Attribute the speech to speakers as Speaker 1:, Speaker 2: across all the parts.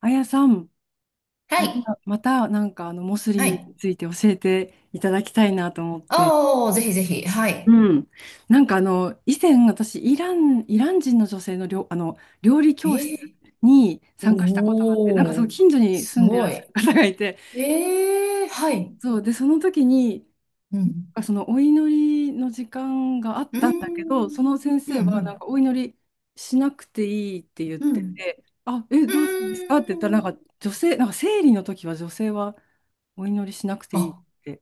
Speaker 1: あやさん、
Speaker 2: は
Speaker 1: また、
Speaker 2: い。
Speaker 1: またなんかモスリ
Speaker 2: は
Speaker 1: ムに
Speaker 2: い。
Speaker 1: ついて教えていただきたいなと思って。
Speaker 2: ああ、ぜひぜひ。はい。
Speaker 1: うん。なんか以前私、イラン人の女性の料、あの、料理
Speaker 2: え
Speaker 1: 教室
Speaker 2: ー、
Speaker 1: に参加したことがあって、なんかそう、
Speaker 2: おー、
Speaker 1: 近所に
Speaker 2: す
Speaker 1: 住んでらっ
Speaker 2: ご
Speaker 1: し
Speaker 2: い。
Speaker 1: ゃる方がいて、
Speaker 2: ええー、はい。
Speaker 1: そう、で、その時に、
Speaker 2: う
Speaker 1: な
Speaker 2: ん。
Speaker 1: んかそのお祈りの時間があっ
Speaker 2: うー
Speaker 1: たんだけど、
Speaker 2: ん。
Speaker 1: その先
Speaker 2: うん、
Speaker 1: 生
Speaker 2: う
Speaker 1: はなん
Speaker 2: ん。
Speaker 1: かお祈りしなくていいって言っ
Speaker 2: う
Speaker 1: て
Speaker 2: ん。
Speaker 1: て、
Speaker 2: う
Speaker 1: どうしてですかって言った
Speaker 2: ー
Speaker 1: ら、なん
Speaker 2: ん。
Speaker 1: か女性、なんか生理の時は女性はお祈りしなくていいっ
Speaker 2: あ、
Speaker 1: て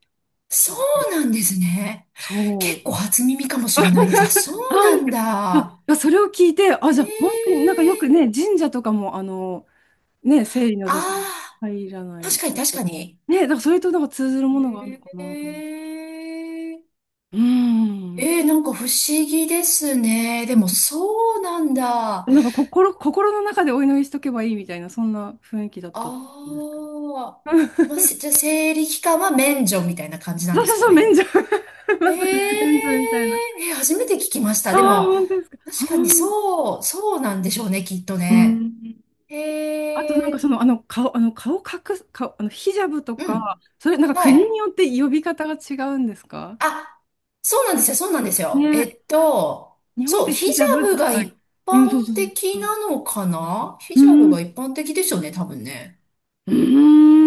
Speaker 2: そ
Speaker 1: 聞いて、
Speaker 2: うなんですね。結
Speaker 1: そう。
Speaker 2: 構初耳かもしれないです。あ、そ う
Speaker 1: な
Speaker 2: な
Speaker 1: ん
Speaker 2: ん
Speaker 1: でい
Speaker 2: だ。
Speaker 1: やそれを聞いて、あ、じゃあ本当に
Speaker 2: ええ
Speaker 1: なんかよくね、
Speaker 2: ー。
Speaker 1: 神社とかも、ね、生理の女性
Speaker 2: あ
Speaker 1: 入ら
Speaker 2: あ、
Speaker 1: な
Speaker 2: 確
Speaker 1: い。
Speaker 2: かに確かに。
Speaker 1: ね、だからそれとなんか通ずるものがあるの
Speaker 2: え
Speaker 1: かなと思
Speaker 2: えー。
Speaker 1: う。うん。
Speaker 2: ええなんか不思議ですね。でもそうなんだ。
Speaker 1: なんか心の中でお祈りしとけばいいみたいな、そんな雰囲気だったと思うんですけど。
Speaker 2: ああ、まあ、しじゃあ 生理期間は免除みたいな感じなん
Speaker 1: そう
Speaker 2: で
Speaker 1: そ
Speaker 2: す
Speaker 1: う
Speaker 2: か
Speaker 1: そう、免
Speaker 2: ね。
Speaker 1: 除。
Speaker 2: え
Speaker 1: まさに
Speaker 2: え
Speaker 1: 免除みたいな。
Speaker 2: え、初めて聞きました。
Speaker 1: あ
Speaker 2: で
Speaker 1: あ、
Speaker 2: も、
Speaker 1: 本当ですか。あ
Speaker 2: 確かに
Speaker 1: ー
Speaker 2: そう、そうなんでしょうね、きっと
Speaker 1: う
Speaker 2: ね。
Speaker 1: ん。
Speaker 2: え
Speaker 1: あとなんか
Speaker 2: え
Speaker 1: 顔隠す、顔、あの、ヒジャブと
Speaker 2: う
Speaker 1: か、
Speaker 2: ん、
Speaker 1: それなんか
Speaker 2: は
Speaker 1: 国
Speaker 2: い。
Speaker 1: によって呼び方が違うんですか
Speaker 2: あ、そうなんですよ、そうなんですよ。
Speaker 1: ね。日本っ
Speaker 2: そう、
Speaker 1: て
Speaker 2: ヒジ
Speaker 1: ヒジャ
Speaker 2: ャ
Speaker 1: ブ
Speaker 2: ブ
Speaker 1: です
Speaker 2: が
Speaker 1: か？
Speaker 2: 一
Speaker 1: うん、そう
Speaker 2: 般
Speaker 1: そうそう。
Speaker 2: 的なのかな。ヒ
Speaker 1: う
Speaker 2: ジャブが
Speaker 1: ん。
Speaker 2: 一般的でしょうね、多分ね。
Speaker 1: う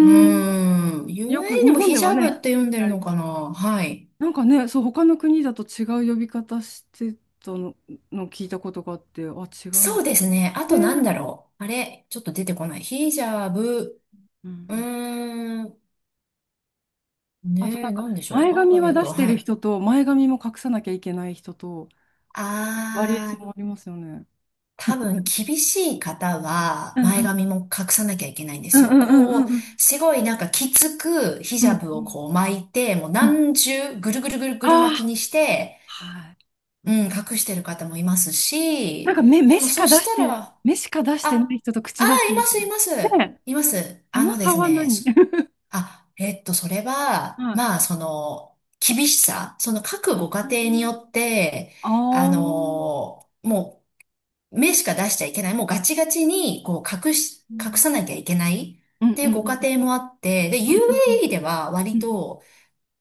Speaker 2: うーん、
Speaker 1: よ
Speaker 2: UAE
Speaker 1: く、
Speaker 2: で
Speaker 1: 日
Speaker 2: も
Speaker 1: 本
Speaker 2: ヒ
Speaker 1: で
Speaker 2: ジ
Speaker 1: は
Speaker 2: ャブ
Speaker 1: ね、
Speaker 2: って呼ん
Speaker 1: 聞
Speaker 2: でる
Speaker 1: かれ
Speaker 2: の
Speaker 1: て
Speaker 2: かな。
Speaker 1: る。
Speaker 2: はい。
Speaker 1: なんかね、そう、他の国だと違う呼び方してたの、聞いたことがあって、あ、違うん
Speaker 2: そう
Speaker 1: だ
Speaker 2: ですね。あとなん
Speaker 1: ね。
Speaker 2: だろう。あれ、ちょっと出てこない。ヒジャブ、
Speaker 1: う
Speaker 2: う
Speaker 1: ん。
Speaker 2: ーん、
Speaker 1: あとな
Speaker 2: ね
Speaker 1: ん
Speaker 2: え、
Speaker 1: か、
Speaker 2: なんでしょ
Speaker 1: 前
Speaker 2: う。ア
Speaker 1: 髪
Speaker 2: バ
Speaker 1: は
Speaker 2: ヤ
Speaker 1: 出
Speaker 2: と、
Speaker 1: して
Speaker 2: は
Speaker 1: る
Speaker 2: い。
Speaker 1: 人と、前髪も隠さなきゃいけない人と、バリエーシ
Speaker 2: あ
Speaker 1: ョ
Speaker 2: ー、
Speaker 1: ンありますよね。
Speaker 2: 多分厳しい方は
Speaker 1: うん
Speaker 2: 前
Speaker 1: うん
Speaker 2: 髪も隠さなきゃいけないんで
Speaker 1: うん
Speaker 2: す
Speaker 1: う
Speaker 2: よ。こう、
Speaker 1: んうん
Speaker 2: すごいなんかきつくヒ
Speaker 1: う
Speaker 2: ジャブを
Speaker 1: ん
Speaker 2: こう巻いて、もう
Speaker 1: うん。
Speaker 2: 何重ぐるぐるぐるぐ
Speaker 1: あ
Speaker 2: る巻き
Speaker 1: あ、
Speaker 2: にして、
Speaker 1: はい。
Speaker 2: うん、隠してる方もいます
Speaker 1: なん
Speaker 2: し、
Speaker 1: か
Speaker 2: でもそしたら、あ、
Speaker 1: 目しか出してない
Speaker 2: あ
Speaker 1: 人と口出して
Speaker 2: ー、いま
Speaker 1: る
Speaker 2: す、いま
Speaker 1: ね
Speaker 2: す。
Speaker 1: え、
Speaker 2: います。
Speaker 1: あ
Speaker 2: あ
Speaker 1: の
Speaker 2: ので
Speaker 1: 差
Speaker 2: す
Speaker 1: は
Speaker 2: ね、
Speaker 1: 何？
Speaker 2: あ、それは、
Speaker 1: はい。
Speaker 2: まあ、その、厳しさ、その各ご家庭に
Speaker 1: あ
Speaker 2: よって、
Speaker 1: あ
Speaker 2: あ
Speaker 1: ー、
Speaker 2: の、もう、目しか出しちゃいけない、もうガチガチに、こう、隠さなきゃいけない
Speaker 1: う
Speaker 2: っ
Speaker 1: ん
Speaker 2: てい
Speaker 1: う
Speaker 2: う
Speaker 1: んう
Speaker 2: ご家
Speaker 1: ん
Speaker 2: 庭もあって、で、
Speaker 1: うんうんうん
Speaker 2: UAE では
Speaker 1: う
Speaker 2: 割
Speaker 1: んうん
Speaker 2: と、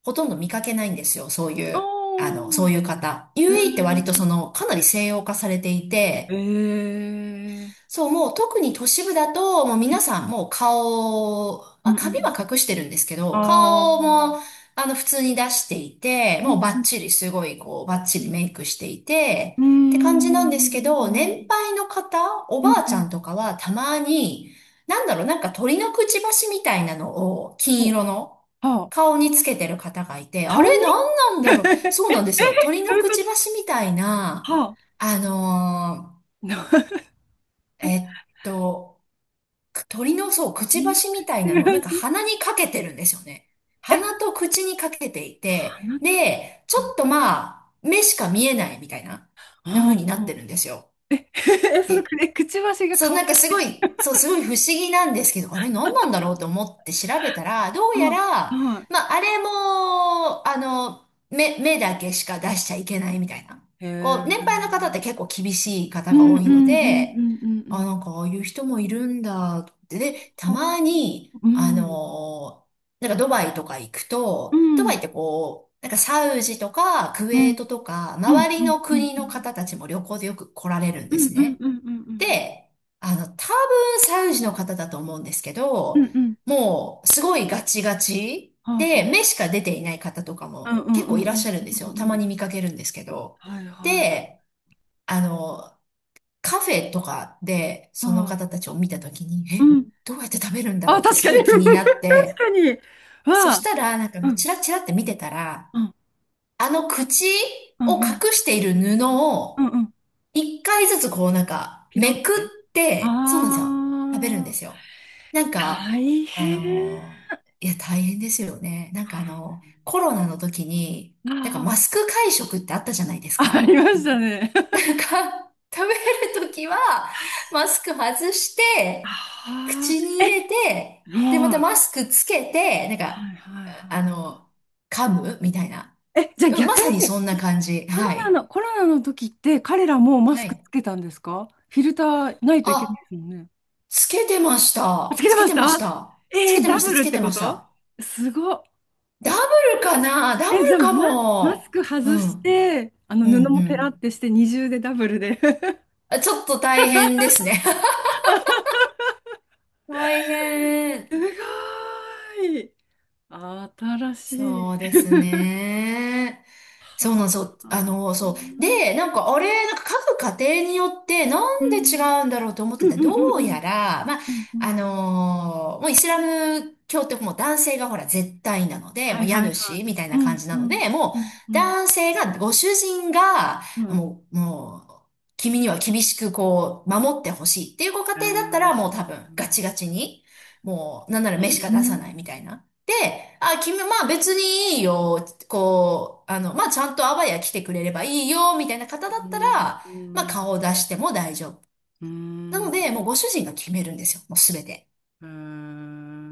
Speaker 2: ほとんど見かけないんですよ、そういう、あの、そ
Speaker 1: おー、
Speaker 2: ういう方。
Speaker 1: え
Speaker 2: UAE って割と
Speaker 1: ー、
Speaker 2: その、かなり西洋化されていて、
Speaker 1: えー、
Speaker 2: そう、もう特に都市部だと、もう皆さんもう顔、
Speaker 1: う
Speaker 2: ま
Speaker 1: ん
Speaker 2: あ、
Speaker 1: うんう
Speaker 2: 髪
Speaker 1: ん。
Speaker 2: は隠してるんですけど、
Speaker 1: あ
Speaker 2: 顔
Speaker 1: あ、
Speaker 2: も、あの、普通に出していて、
Speaker 1: う
Speaker 2: もう
Speaker 1: ん
Speaker 2: バ
Speaker 1: う
Speaker 2: ッ
Speaker 1: ん。
Speaker 2: チリ、すごい、こう、バッチリメイクしていて、
Speaker 1: うー
Speaker 2: って感じなんですけ
Speaker 1: ん、
Speaker 2: ど、年配の方、お
Speaker 1: う
Speaker 2: ば
Speaker 1: ん
Speaker 2: あ
Speaker 1: う
Speaker 2: ちゃ
Speaker 1: ん、
Speaker 2: んとかはたまに、なんだろう、なんか鳥のくちばしみたいなのを、
Speaker 1: お、
Speaker 2: 金色の、
Speaker 1: はあ、
Speaker 2: 顔につけてる方がいて、あ
Speaker 1: 顔に。
Speaker 2: れ、なんなんだろう。そうなんですよ。鳥
Speaker 1: どう
Speaker 2: の
Speaker 1: いう
Speaker 2: く
Speaker 1: こ
Speaker 2: ち
Speaker 1: と？
Speaker 2: ばしみたいな、
Speaker 1: はあ、
Speaker 2: あの ーえっと、鳥のそう、くち
Speaker 1: 見隠
Speaker 2: ばしみたい
Speaker 1: し
Speaker 2: なのをなんか
Speaker 1: 味
Speaker 2: 鼻にかけてるんですよね。
Speaker 1: え、
Speaker 2: 鼻と口にかけていて、
Speaker 1: 鼻とか、
Speaker 2: で、ちょ
Speaker 1: は
Speaker 2: っとまあ、目しか見えないみたいな、
Speaker 1: あ、
Speaker 2: な
Speaker 1: は
Speaker 2: 風にな
Speaker 1: あ、
Speaker 2: っ
Speaker 1: はあ。
Speaker 2: てるんですよ。
Speaker 1: え、その
Speaker 2: え、
Speaker 1: くえくちばしが
Speaker 2: そう、
Speaker 1: 顔に、
Speaker 2: なんかすごい、そう、すごい不思議なんですけど、あれ何なんだろうと思って調べたら、どうや
Speaker 1: は
Speaker 2: ら、
Speaker 1: あ、はあ、
Speaker 2: まあ、あれも、あの、目だけしか出しちゃいけないみたいな。
Speaker 1: へ
Speaker 2: こう、
Speaker 1: え、
Speaker 2: 年配の方って結構厳しい方
Speaker 1: う
Speaker 2: が多い
Speaker 1: る
Speaker 2: ので、
Speaker 1: ん
Speaker 2: あ、
Speaker 1: う
Speaker 2: なんかああいう人もいるんだって。で、た
Speaker 1: ほど。ん
Speaker 2: まに、
Speaker 1: う
Speaker 2: あ
Speaker 1: ん
Speaker 2: の、なんかドバイとか行く
Speaker 1: う
Speaker 2: と、ドバイっ
Speaker 1: ん
Speaker 2: てこう、なんかサウジとかクウ
Speaker 1: うんうん。
Speaker 2: ェ
Speaker 1: は
Speaker 2: ー
Speaker 1: あ、
Speaker 2: トとか、
Speaker 1: うん、
Speaker 2: 周り
Speaker 1: うん、うん、
Speaker 2: の
Speaker 1: うん、うん、
Speaker 2: 国
Speaker 1: うん、う
Speaker 2: の
Speaker 1: ん、
Speaker 2: 方たちも旅行でよく来られるん
Speaker 1: う
Speaker 2: で
Speaker 1: んう
Speaker 2: す
Speaker 1: んうんうんうん
Speaker 2: ね。
Speaker 1: うんうん。
Speaker 2: で、あの、多分サウジの方だと思うんですけ
Speaker 1: う
Speaker 2: ど、
Speaker 1: んうん。
Speaker 2: もうすごいガチガチ
Speaker 1: はあ
Speaker 2: で、
Speaker 1: は
Speaker 2: 目しか出ていない方とか
Speaker 1: あう
Speaker 2: も
Speaker 1: んうん
Speaker 2: 結
Speaker 1: う
Speaker 2: 構いらっし
Speaker 1: ん
Speaker 2: ゃるんで
Speaker 1: うん
Speaker 2: す
Speaker 1: う
Speaker 2: よ。た
Speaker 1: んう
Speaker 2: ま
Speaker 1: ん。
Speaker 2: に見かけるんですけど。で、あの、カフェとかでその方たちを見たときに、え、どうやって食べるんだろうってすごい気になって、そしたらなんかチラチラって見てたら、あの口を隠している布を一回ずつこうなんか、めくって、そうなんですよ。食べるんですよ。なんか、あのいや、大変ですよね。なんかあの、コロナの時に、なんかマスク会食ってあったじゃないですか。なんか、食べる時は、マスク外して、口に入れて、で、またマスクつけて、なん
Speaker 1: は
Speaker 2: か、
Speaker 1: いはいはいうんあ確かに 確かにはあうんうんう
Speaker 2: あ
Speaker 1: んうん
Speaker 2: の、噛むみたい
Speaker 1: うんうんピロってああ大変ああありましたね 確ああえもうはいはいはい
Speaker 2: な。
Speaker 1: えじゃあ
Speaker 2: うん
Speaker 1: 逆
Speaker 2: まさに
Speaker 1: に、
Speaker 2: そんな感じ。はい。
Speaker 1: コロナの時って彼らもマ
Speaker 2: は
Speaker 1: スク
Speaker 2: い。
Speaker 1: つけたんですか？フィルターないといけない
Speaker 2: あ、
Speaker 1: ですもんね。
Speaker 2: つけてまし
Speaker 1: つ
Speaker 2: た。
Speaker 1: けて
Speaker 2: つけ
Speaker 1: まし
Speaker 2: てまし
Speaker 1: た？
Speaker 2: た。つ
Speaker 1: え
Speaker 2: け
Speaker 1: ー、
Speaker 2: て
Speaker 1: ダ
Speaker 2: ました、
Speaker 1: ブ
Speaker 2: つ
Speaker 1: ルっ
Speaker 2: け
Speaker 1: て
Speaker 2: て
Speaker 1: こ
Speaker 2: まし
Speaker 1: と？
Speaker 2: た。
Speaker 1: すごっ。
Speaker 2: ダブルかなダブ
Speaker 1: え、じゃ
Speaker 2: ル
Speaker 1: あ、
Speaker 2: か
Speaker 1: マス
Speaker 2: も。
Speaker 1: ク
Speaker 2: う
Speaker 1: 外し
Speaker 2: ん。
Speaker 1: て、あの
Speaker 2: うん、
Speaker 1: 布
Speaker 2: う
Speaker 1: もペラっ
Speaker 2: ん。
Speaker 1: てして二重でダブルで。
Speaker 2: あちょっと大変ですね。大変。
Speaker 1: すごい。新しい。
Speaker 2: そうです ね。そうな
Speaker 1: は
Speaker 2: んですよ。あ
Speaker 1: あ。
Speaker 2: の、そう。で、なんか、あれ、なんか各家庭によって、な
Speaker 1: う
Speaker 2: ん
Speaker 1: ん
Speaker 2: で
Speaker 1: う
Speaker 2: 違
Speaker 1: ん
Speaker 2: うんだろうと思っ
Speaker 1: う
Speaker 2: てた。
Speaker 1: んう
Speaker 2: ど
Speaker 1: んう
Speaker 2: うや
Speaker 1: ん
Speaker 2: ら、まあ、
Speaker 1: うんうん。
Speaker 2: もうイスラム教ってもう男性がほら絶対なので、も
Speaker 1: は
Speaker 2: う
Speaker 1: い
Speaker 2: 家
Speaker 1: はいは
Speaker 2: 主みたい
Speaker 1: い。う
Speaker 2: な感
Speaker 1: ん
Speaker 2: じ
Speaker 1: う
Speaker 2: なの
Speaker 1: ん
Speaker 2: で、もう
Speaker 1: うんうん
Speaker 2: 男性が、ご主人が、
Speaker 1: うん。
Speaker 2: もう、君には厳しくこう、守ってほしいっていうご家
Speaker 1: えー
Speaker 2: 庭だったら、も
Speaker 1: う
Speaker 2: う多分ガチガチに、もう、なんなら目しか出さない
Speaker 1: ん
Speaker 2: みたいな。で、あ、君、まあ別にいいよ、こう、あの、まあちゃんとあわや来てくれればいいよ、みたいな方だ
Speaker 1: う
Speaker 2: った
Speaker 1: ん
Speaker 2: ら、
Speaker 1: う
Speaker 2: まあ
Speaker 1: ん
Speaker 2: 顔を出しても大丈夫。
Speaker 1: う
Speaker 2: なので、
Speaker 1: ん
Speaker 2: もうご主人が決めるんですよ、もうすべて。
Speaker 1: え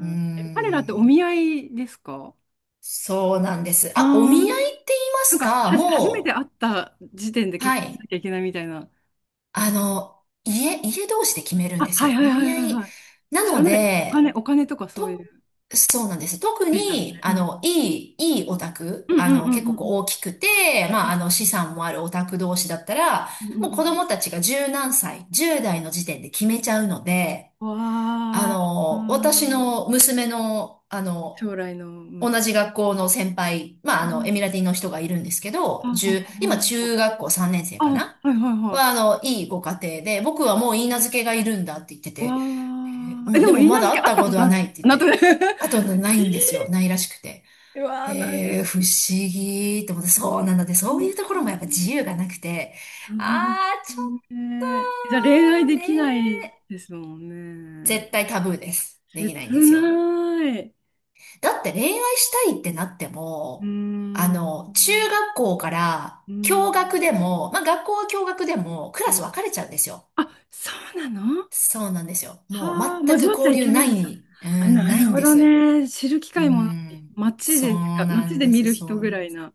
Speaker 2: うー
Speaker 1: え彼らってお
Speaker 2: ん。
Speaker 1: 見合いですか？
Speaker 2: そうなんです。
Speaker 1: うー
Speaker 2: あ、お見
Speaker 1: ん。
Speaker 2: 合いって言いま
Speaker 1: なん
Speaker 2: す
Speaker 1: か、
Speaker 2: か
Speaker 1: 初めて
Speaker 2: も
Speaker 1: 会った時点で
Speaker 2: う、
Speaker 1: 結
Speaker 2: は
Speaker 1: 婚し
Speaker 2: い。
Speaker 1: なきゃいけないみたいな。
Speaker 2: あの、家同士で決めるん
Speaker 1: あ、
Speaker 2: です
Speaker 1: はい
Speaker 2: よ。
Speaker 1: はい
Speaker 2: お
Speaker 1: は
Speaker 2: 見
Speaker 1: い
Speaker 2: 合
Speaker 1: はい
Speaker 2: い。
Speaker 1: はい。
Speaker 2: な
Speaker 1: それ
Speaker 2: の
Speaker 1: まで
Speaker 2: で、
Speaker 1: お金とかそうい
Speaker 2: と、
Speaker 1: う
Speaker 2: そうなんです。特
Speaker 1: ステータス
Speaker 2: に、
Speaker 1: で。う
Speaker 2: あ
Speaker 1: ん。
Speaker 2: の、いいオタク、
Speaker 1: うんう
Speaker 2: あ
Speaker 1: んうん
Speaker 2: の、
Speaker 1: う
Speaker 2: 結構こう
Speaker 1: ん
Speaker 2: 大きくて、
Speaker 1: う
Speaker 2: まあ、
Speaker 1: ん
Speaker 2: あの、資産もあるオタク同士だったら、
Speaker 1: うんうん
Speaker 2: もう
Speaker 1: う
Speaker 2: 子
Speaker 1: ん
Speaker 2: 供たちが十何歳、10代の時点で決めちゃうので、
Speaker 1: うん。
Speaker 2: あ
Speaker 1: わあ、う
Speaker 2: の、私
Speaker 1: ん
Speaker 2: の娘の、あの、
Speaker 1: 将来の向
Speaker 2: 同
Speaker 1: こ
Speaker 2: じ学校の先輩、まあ、
Speaker 1: う。う
Speaker 2: あの、
Speaker 1: ん
Speaker 2: エミラティの人がいるんですけ
Speaker 1: あ、
Speaker 2: ど、
Speaker 1: はは
Speaker 2: 1今
Speaker 1: はは。
Speaker 2: 中学校3年生
Speaker 1: あ、
Speaker 2: かな
Speaker 1: はいはいは
Speaker 2: は、あの、いいご家庭で、僕はもういいなずけがいるんだって言って
Speaker 1: い。わ
Speaker 2: て、
Speaker 1: あ。
Speaker 2: も
Speaker 1: え、
Speaker 2: う、
Speaker 1: で
Speaker 2: で
Speaker 1: も、
Speaker 2: も
Speaker 1: いい
Speaker 2: ま
Speaker 1: な
Speaker 2: だ
Speaker 1: ずけ
Speaker 2: 会っ
Speaker 1: 会っ
Speaker 2: た
Speaker 1: た
Speaker 2: こ
Speaker 1: こ
Speaker 2: と
Speaker 1: と
Speaker 2: は
Speaker 1: ある
Speaker 2: ないって言っ
Speaker 1: なんと
Speaker 2: て。
Speaker 1: な。
Speaker 2: あとな いんですよ。ないらしくて。
Speaker 1: うわあ、なん。
Speaker 2: へえ、不思議って思って、そうなので、
Speaker 1: う
Speaker 2: そう
Speaker 1: ん
Speaker 2: いうところもやっぱ自由がなくて、
Speaker 1: そうで
Speaker 2: あー、ちょ
Speaker 1: すね。
Speaker 2: っ
Speaker 1: じゃあ恋愛
Speaker 2: と
Speaker 1: できない
Speaker 2: ね、
Speaker 1: ですもんね。
Speaker 2: 絶対タブーです。で
Speaker 1: 切
Speaker 2: きないんですよ。
Speaker 1: ない。う
Speaker 2: だって恋愛したいってなって
Speaker 1: ー
Speaker 2: も、あ
Speaker 1: ん。う
Speaker 2: の、中
Speaker 1: ん。
Speaker 2: 学校から、
Speaker 1: うん
Speaker 2: 共学でも、まあ学校は共学でも、クラス分かれちゃうんですよ。
Speaker 1: あ、そうなの？
Speaker 2: そうなんですよ。もう
Speaker 1: はあ、
Speaker 2: 全く
Speaker 1: 交わっちゃ
Speaker 2: 交
Speaker 1: い
Speaker 2: 流
Speaker 1: けな
Speaker 2: な
Speaker 1: いんだ。
Speaker 2: い、う
Speaker 1: あ、
Speaker 2: ん、
Speaker 1: な
Speaker 2: ない
Speaker 1: る
Speaker 2: ん
Speaker 1: ほ
Speaker 2: で
Speaker 1: ど
Speaker 2: す。
Speaker 1: ね。知る機
Speaker 2: う
Speaker 1: 会もない。
Speaker 2: ん、
Speaker 1: 街でしか、街で見る人
Speaker 2: そう
Speaker 1: ぐ
Speaker 2: な
Speaker 1: ら
Speaker 2: ん
Speaker 1: い
Speaker 2: です。
Speaker 1: な。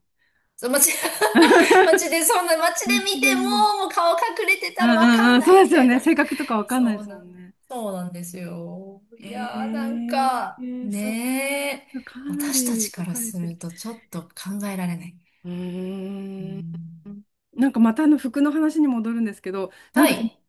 Speaker 2: そう街、街で、そんな街 で
Speaker 1: 街
Speaker 2: 見
Speaker 1: で
Speaker 2: て
Speaker 1: 見る。
Speaker 2: も、もう顔隠れて
Speaker 1: う
Speaker 2: た
Speaker 1: ん
Speaker 2: ら
Speaker 1: う
Speaker 2: わか
Speaker 1: んう
Speaker 2: ん
Speaker 1: ん。
Speaker 2: な
Speaker 1: そ
Speaker 2: い
Speaker 1: うで
Speaker 2: み
Speaker 1: す
Speaker 2: た
Speaker 1: よ
Speaker 2: い
Speaker 1: ね。
Speaker 2: な。
Speaker 1: 性格とかわかんない
Speaker 2: そ
Speaker 1: で
Speaker 2: う
Speaker 1: す
Speaker 2: な
Speaker 1: も
Speaker 2: ん、
Speaker 1: んね。
Speaker 2: そうなんですよ。
Speaker 1: え
Speaker 2: いやー、なん
Speaker 1: ーえ
Speaker 2: か、
Speaker 1: ーそか、
Speaker 2: ねえ、
Speaker 1: かな
Speaker 2: 私た
Speaker 1: り
Speaker 2: ち
Speaker 1: 分
Speaker 2: から
Speaker 1: かれ
Speaker 2: す
Speaker 1: てる。
Speaker 2: るとちょっと考えられない。
Speaker 1: う
Speaker 2: う
Speaker 1: ーん。
Speaker 2: ん、
Speaker 1: なんかまたあの服の話に戻るんですけど、なん
Speaker 2: は
Speaker 1: か
Speaker 2: い。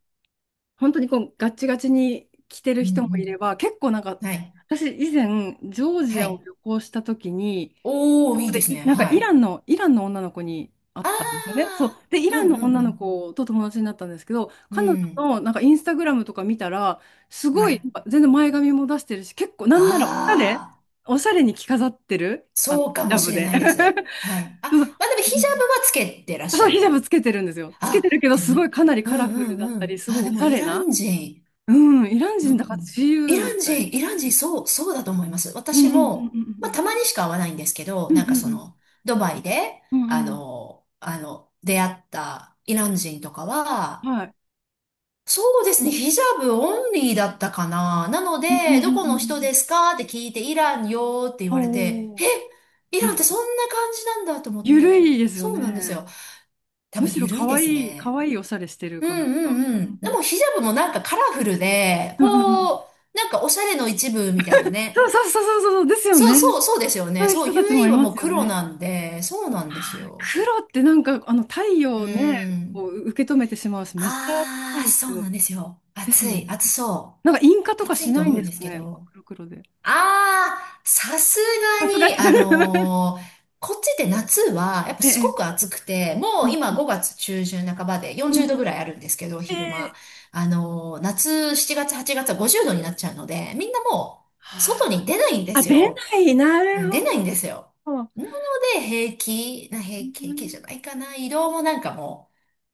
Speaker 1: 本当にこうガッチガチに着てる
Speaker 2: うんう
Speaker 1: 人もいれば、結構なんか
Speaker 2: ん。はい。
Speaker 1: 私以前ジョージ
Speaker 2: は
Speaker 1: アを
Speaker 2: い。
Speaker 1: 旅行した時に、
Speaker 2: お
Speaker 1: そ
Speaker 2: ー、い
Speaker 1: こ
Speaker 2: い
Speaker 1: で
Speaker 2: ですね。
Speaker 1: いなんか
Speaker 2: はい。
Speaker 1: イランの女の子に会っ
Speaker 2: あ
Speaker 1: たんですよね。そう。で、イ
Speaker 2: ー。う
Speaker 1: ラン
Speaker 2: ん
Speaker 1: の
Speaker 2: う
Speaker 1: 女の
Speaker 2: ん
Speaker 1: 子と友達になったんですけど、
Speaker 2: うん。
Speaker 1: 彼女
Speaker 2: うん。
Speaker 1: のなんかインスタグラムとか見たら、す
Speaker 2: は
Speaker 1: ごい、
Speaker 2: い。
Speaker 1: なんか全然前髪も出してるし、結構なんならおしゃれ、
Speaker 2: あー。
Speaker 1: おしゃれに着飾ってる、あの、
Speaker 2: そ
Speaker 1: ヒ
Speaker 2: うか
Speaker 1: ジ
Speaker 2: も
Speaker 1: ャ
Speaker 2: し
Speaker 1: ブ
Speaker 2: れ
Speaker 1: で。
Speaker 2: ないです。はい。あ、
Speaker 1: そうそ
Speaker 2: まあでもヒジャ
Speaker 1: う。
Speaker 2: ブはつけてらっし
Speaker 1: そ
Speaker 2: ゃ
Speaker 1: う、ヒジャ
Speaker 2: る。
Speaker 1: ブつけてるんですよ。つけ
Speaker 2: あ、
Speaker 1: てるけど、
Speaker 2: でも、
Speaker 1: すごいかなり
Speaker 2: うん
Speaker 1: カラフ
Speaker 2: う
Speaker 1: ルだっ
Speaker 2: んう
Speaker 1: たり、
Speaker 2: ん。
Speaker 1: すご
Speaker 2: あ、
Speaker 1: い
Speaker 2: で
Speaker 1: おし
Speaker 2: も
Speaker 1: ゃ
Speaker 2: イ
Speaker 1: れ
Speaker 2: ラ
Speaker 1: な。
Speaker 2: ン人。
Speaker 1: うん、イラン
Speaker 2: う
Speaker 1: 人
Speaker 2: んう
Speaker 1: だから
Speaker 2: ん。
Speaker 1: 自
Speaker 2: イ
Speaker 1: 由
Speaker 2: ラ
Speaker 1: み
Speaker 2: ン
Speaker 1: た
Speaker 2: 人、
Speaker 1: い。
Speaker 2: イラン人、そう、そうだと思います。
Speaker 1: うん
Speaker 2: 私
Speaker 1: うんう
Speaker 2: も、まあた
Speaker 1: ん
Speaker 2: まにしか会わないんですけど、
Speaker 1: うんう
Speaker 2: なんか
Speaker 1: ん
Speaker 2: そ
Speaker 1: うん
Speaker 2: の、ドバイで、
Speaker 1: うんうんうん
Speaker 2: あの、出会ったイラン人とか
Speaker 1: う
Speaker 2: は、
Speaker 1: んはい。
Speaker 2: そうですね。ヒジャブオンリーだったかな。なの
Speaker 1: うんうん
Speaker 2: で、
Speaker 1: う
Speaker 2: ど
Speaker 1: んう
Speaker 2: こ
Speaker 1: ん
Speaker 2: の
Speaker 1: う
Speaker 2: 人
Speaker 1: ん。
Speaker 2: ですかって聞いて、イランよーって言われて、
Speaker 1: おお。
Speaker 2: え、イ
Speaker 1: う
Speaker 2: ランって
Speaker 1: ん。
Speaker 2: そんな感じなんだと思っ
Speaker 1: ゆる
Speaker 2: て。
Speaker 1: いですよ
Speaker 2: そうなんです
Speaker 1: ね。
Speaker 2: よ。多
Speaker 1: む
Speaker 2: 分
Speaker 1: しろ
Speaker 2: 緩い
Speaker 1: 可
Speaker 2: です
Speaker 1: 愛い、可
Speaker 2: ね。
Speaker 1: 愛いおしゃれしてる
Speaker 2: う
Speaker 1: 感じ
Speaker 2: んう
Speaker 1: が。
Speaker 2: んうん。
Speaker 1: うん
Speaker 2: で
Speaker 1: うん
Speaker 2: もヒジャブもなんかカラフルで、
Speaker 1: うんうんうん
Speaker 2: こう、なんかおしゃれの一部みたいな
Speaker 1: そう
Speaker 2: ね。
Speaker 1: そうそうそうそうですよ
Speaker 2: そ
Speaker 1: ね。
Speaker 2: うそうそうですよ
Speaker 1: そ
Speaker 2: ね。
Speaker 1: ういう
Speaker 2: そう、
Speaker 1: 人たち
Speaker 2: u
Speaker 1: も
Speaker 2: イー
Speaker 1: い
Speaker 2: は
Speaker 1: ま
Speaker 2: もう
Speaker 1: すよ
Speaker 2: 黒
Speaker 1: ね。
Speaker 2: なんで、そうなんです
Speaker 1: あ
Speaker 2: よ。
Speaker 1: 黒ってなんかあの太
Speaker 2: う
Speaker 1: 陽をね、
Speaker 2: ん。
Speaker 1: こう受け止めてしまうし、めっちゃそ
Speaker 2: あ
Speaker 1: う
Speaker 2: ー、
Speaker 1: です
Speaker 2: そ
Speaker 1: け
Speaker 2: う
Speaker 1: ど。
Speaker 2: なんですよ。
Speaker 1: です
Speaker 2: 暑
Speaker 1: よ
Speaker 2: い、
Speaker 1: ね。
Speaker 2: 暑そ
Speaker 1: なんか印鑑と
Speaker 2: う。
Speaker 1: か
Speaker 2: 暑
Speaker 1: し
Speaker 2: いと
Speaker 1: ないん
Speaker 2: 思う
Speaker 1: で
Speaker 2: ん
Speaker 1: す
Speaker 2: です
Speaker 1: か
Speaker 2: け
Speaker 1: ね、真っ
Speaker 2: ど。
Speaker 1: 黒黒で。
Speaker 2: ああ、さす
Speaker 1: さ
Speaker 2: が
Speaker 1: すが
Speaker 2: に、
Speaker 1: に。
Speaker 2: こっちで夏は、やっ ぱ
Speaker 1: え
Speaker 2: すごく
Speaker 1: え。
Speaker 2: 暑くて、も
Speaker 1: う
Speaker 2: う
Speaker 1: ん。
Speaker 2: 今5月中旬半ばで
Speaker 1: うん
Speaker 2: 40
Speaker 1: う
Speaker 2: 度ぐ
Speaker 1: ん。
Speaker 2: らいあるんですけど、
Speaker 1: え
Speaker 2: 昼間。
Speaker 1: え。
Speaker 2: 夏7月8月は50度になっちゃうので、みんなもう外
Speaker 1: は
Speaker 2: に出ないんで
Speaker 1: あ。あ、
Speaker 2: す
Speaker 1: 出
Speaker 2: よ。
Speaker 1: ない。な
Speaker 2: うん
Speaker 1: る
Speaker 2: 出ないんですよ。
Speaker 1: ほど。
Speaker 2: なので、
Speaker 1: う
Speaker 2: 平気じゃ
Speaker 1: ん。
Speaker 2: ないかな。移動もなんかも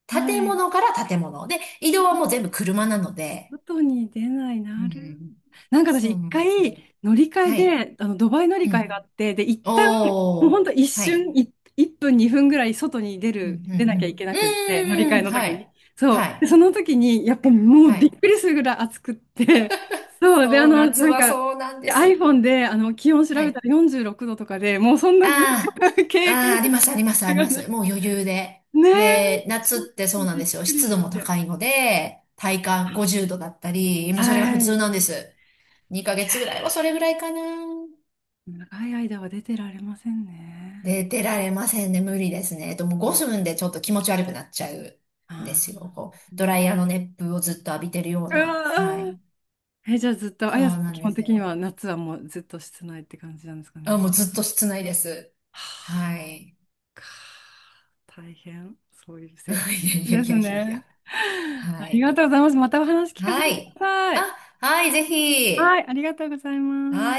Speaker 2: う、
Speaker 1: は
Speaker 2: 建
Speaker 1: い。
Speaker 2: 物から建物。で、移動はもう
Speaker 1: あ
Speaker 2: 全部車なので、
Speaker 1: 外に出ない。
Speaker 2: う
Speaker 1: なる
Speaker 2: ん、
Speaker 1: なんか
Speaker 2: そ
Speaker 1: 私
Speaker 2: う
Speaker 1: 一
Speaker 2: なん
Speaker 1: 回
Speaker 2: ですよ。
Speaker 1: 乗り換え
Speaker 2: はい。
Speaker 1: で、あの、ドバイ乗り
Speaker 2: う
Speaker 1: 換え
Speaker 2: ん
Speaker 1: があって、で、一旦、もうほ
Speaker 2: お
Speaker 1: ん
Speaker 2: ー、
Speaker 1: と一
Speaker 2: はい。
Speaker 1: 瞬、1分2分ぐらい外に出
Speaker 2: うん、う
Speaker 1: る、出なきゃい
Speaker 2: ん、
Speaker 1: けな
Speaker 2: う
Speaker 1: くって、乗り換
Speaker 2: ん。う
Speaker 1: え
Speaker 2: ーん、
Speaker 1: の
Speaker 2: は
Speaker 1: 時に。
Speaker 2: い。
Speaker 1: そ
Speaker 2: は
Speaker 1: う。
Speaker 2: い。
Speaker 1: で、その時に、やっぱもう
Speaker 2: は
Speaker 1: びっ
Speaker 2: い。
Speaker 1: くりするぐらい暑くって、そう。で、あ
Speaker 2: そう、
Speaker 1: の、
Speaker 2: 夏
Speaker 1: なん
Speaker 2: は
Speaker 1: か、
Speaker 2: そうなんで
Speaker 1: で
Speaker 2: す。
Speaker 1: iPhone で、あの、気温調
Speaker 2: は
Speaker 1: べた
Speaker 2: い。
Speaker 1: ら46度とかで、もうそんな
Speaker 2: あ あ、
Speaker 1: 経
Speaker 2: ああ、あ
Speaker 1: 験
Speaker 2: ります、あります、あり
Speaker 1: が
Speaker 2: ま
Speaker 1: ない。
Speaker 2: す。もう余裕で。
Speaker 1: ねえ、
Speaker 2: で、
Speaker 1: ち
Speaker 2: 夏っ
Speaker 1: ょっ
Speaker 2: て
Speaker 1: と
Speaker 2: そうなん
Speaker 1: びっ
Speaker 2: ですよ。
Speaker 1: くり
Speaker 2: 湿度
Speaker 1: し
Speaker 2: も
Speaker 1: て。
Speaker 2: 高いので、体感50度だったり、もうそれが普
Speaker 1: は
Speaker 2: 通
Speaker 1: い。
Speaker 2: なんです。2ヶ月ぐらいはそれぐらいかな。
Speaker 1: 長い間は出てられません
Speaker 2: で、
Speaker 1: ね。
Speaker 2: 出られませんね。無理ですね。もう5分でちょっと気持ち悪くなっちゃう
Speaker 1: あ
Speaker 2: んで
Speaker 1: ー
Speaker 2: すよ。こう、ドライヤーの熱風をずっと浴びてるよう
Speaker 1: う
Speaker 2: な。はい。
Speaker 1: わーえ、じゃあずっと、あ
Speaker 2: そう
Speaker 1: やさん
Speaker 2: なん
Speaker 1: 基
Speaker 2: で
Speaker 1: 本
Speaker 2: す
Speaker 1: 的に
Speaker 2: よ。
Speaker 1: は夏はもうずっと室内って感じなんですか
Speaker 2: あ、も
Speaker 1: ね。
Speaker 2: うずっと室内です。
Speaker 1: は
Speaker 2: はい。
Speaker 1: あか大変、そういう
Speaker 2: い
Speaker 1: 生活
Speaker 2: や
Speaker 1: で
Speaker 2: いや
Speaker 1: す
Speaker 2: いやいやい
Speaker 1: ね。
Speaker 2: や。は
Speaker 1: あり
Speaker 2: い。
Speaker 1: がとうございます。またお話聞かせ
Speaker 2: は
Speaker 1: てくだ
Speaker 2: い。
Speaker 1: さい。
Speaker 2: あ、はい、ぜひ。
Speaker 1: はい、ありがとうございま
Speaker 2: は
Speaker 1: す。
Speaker 2: い。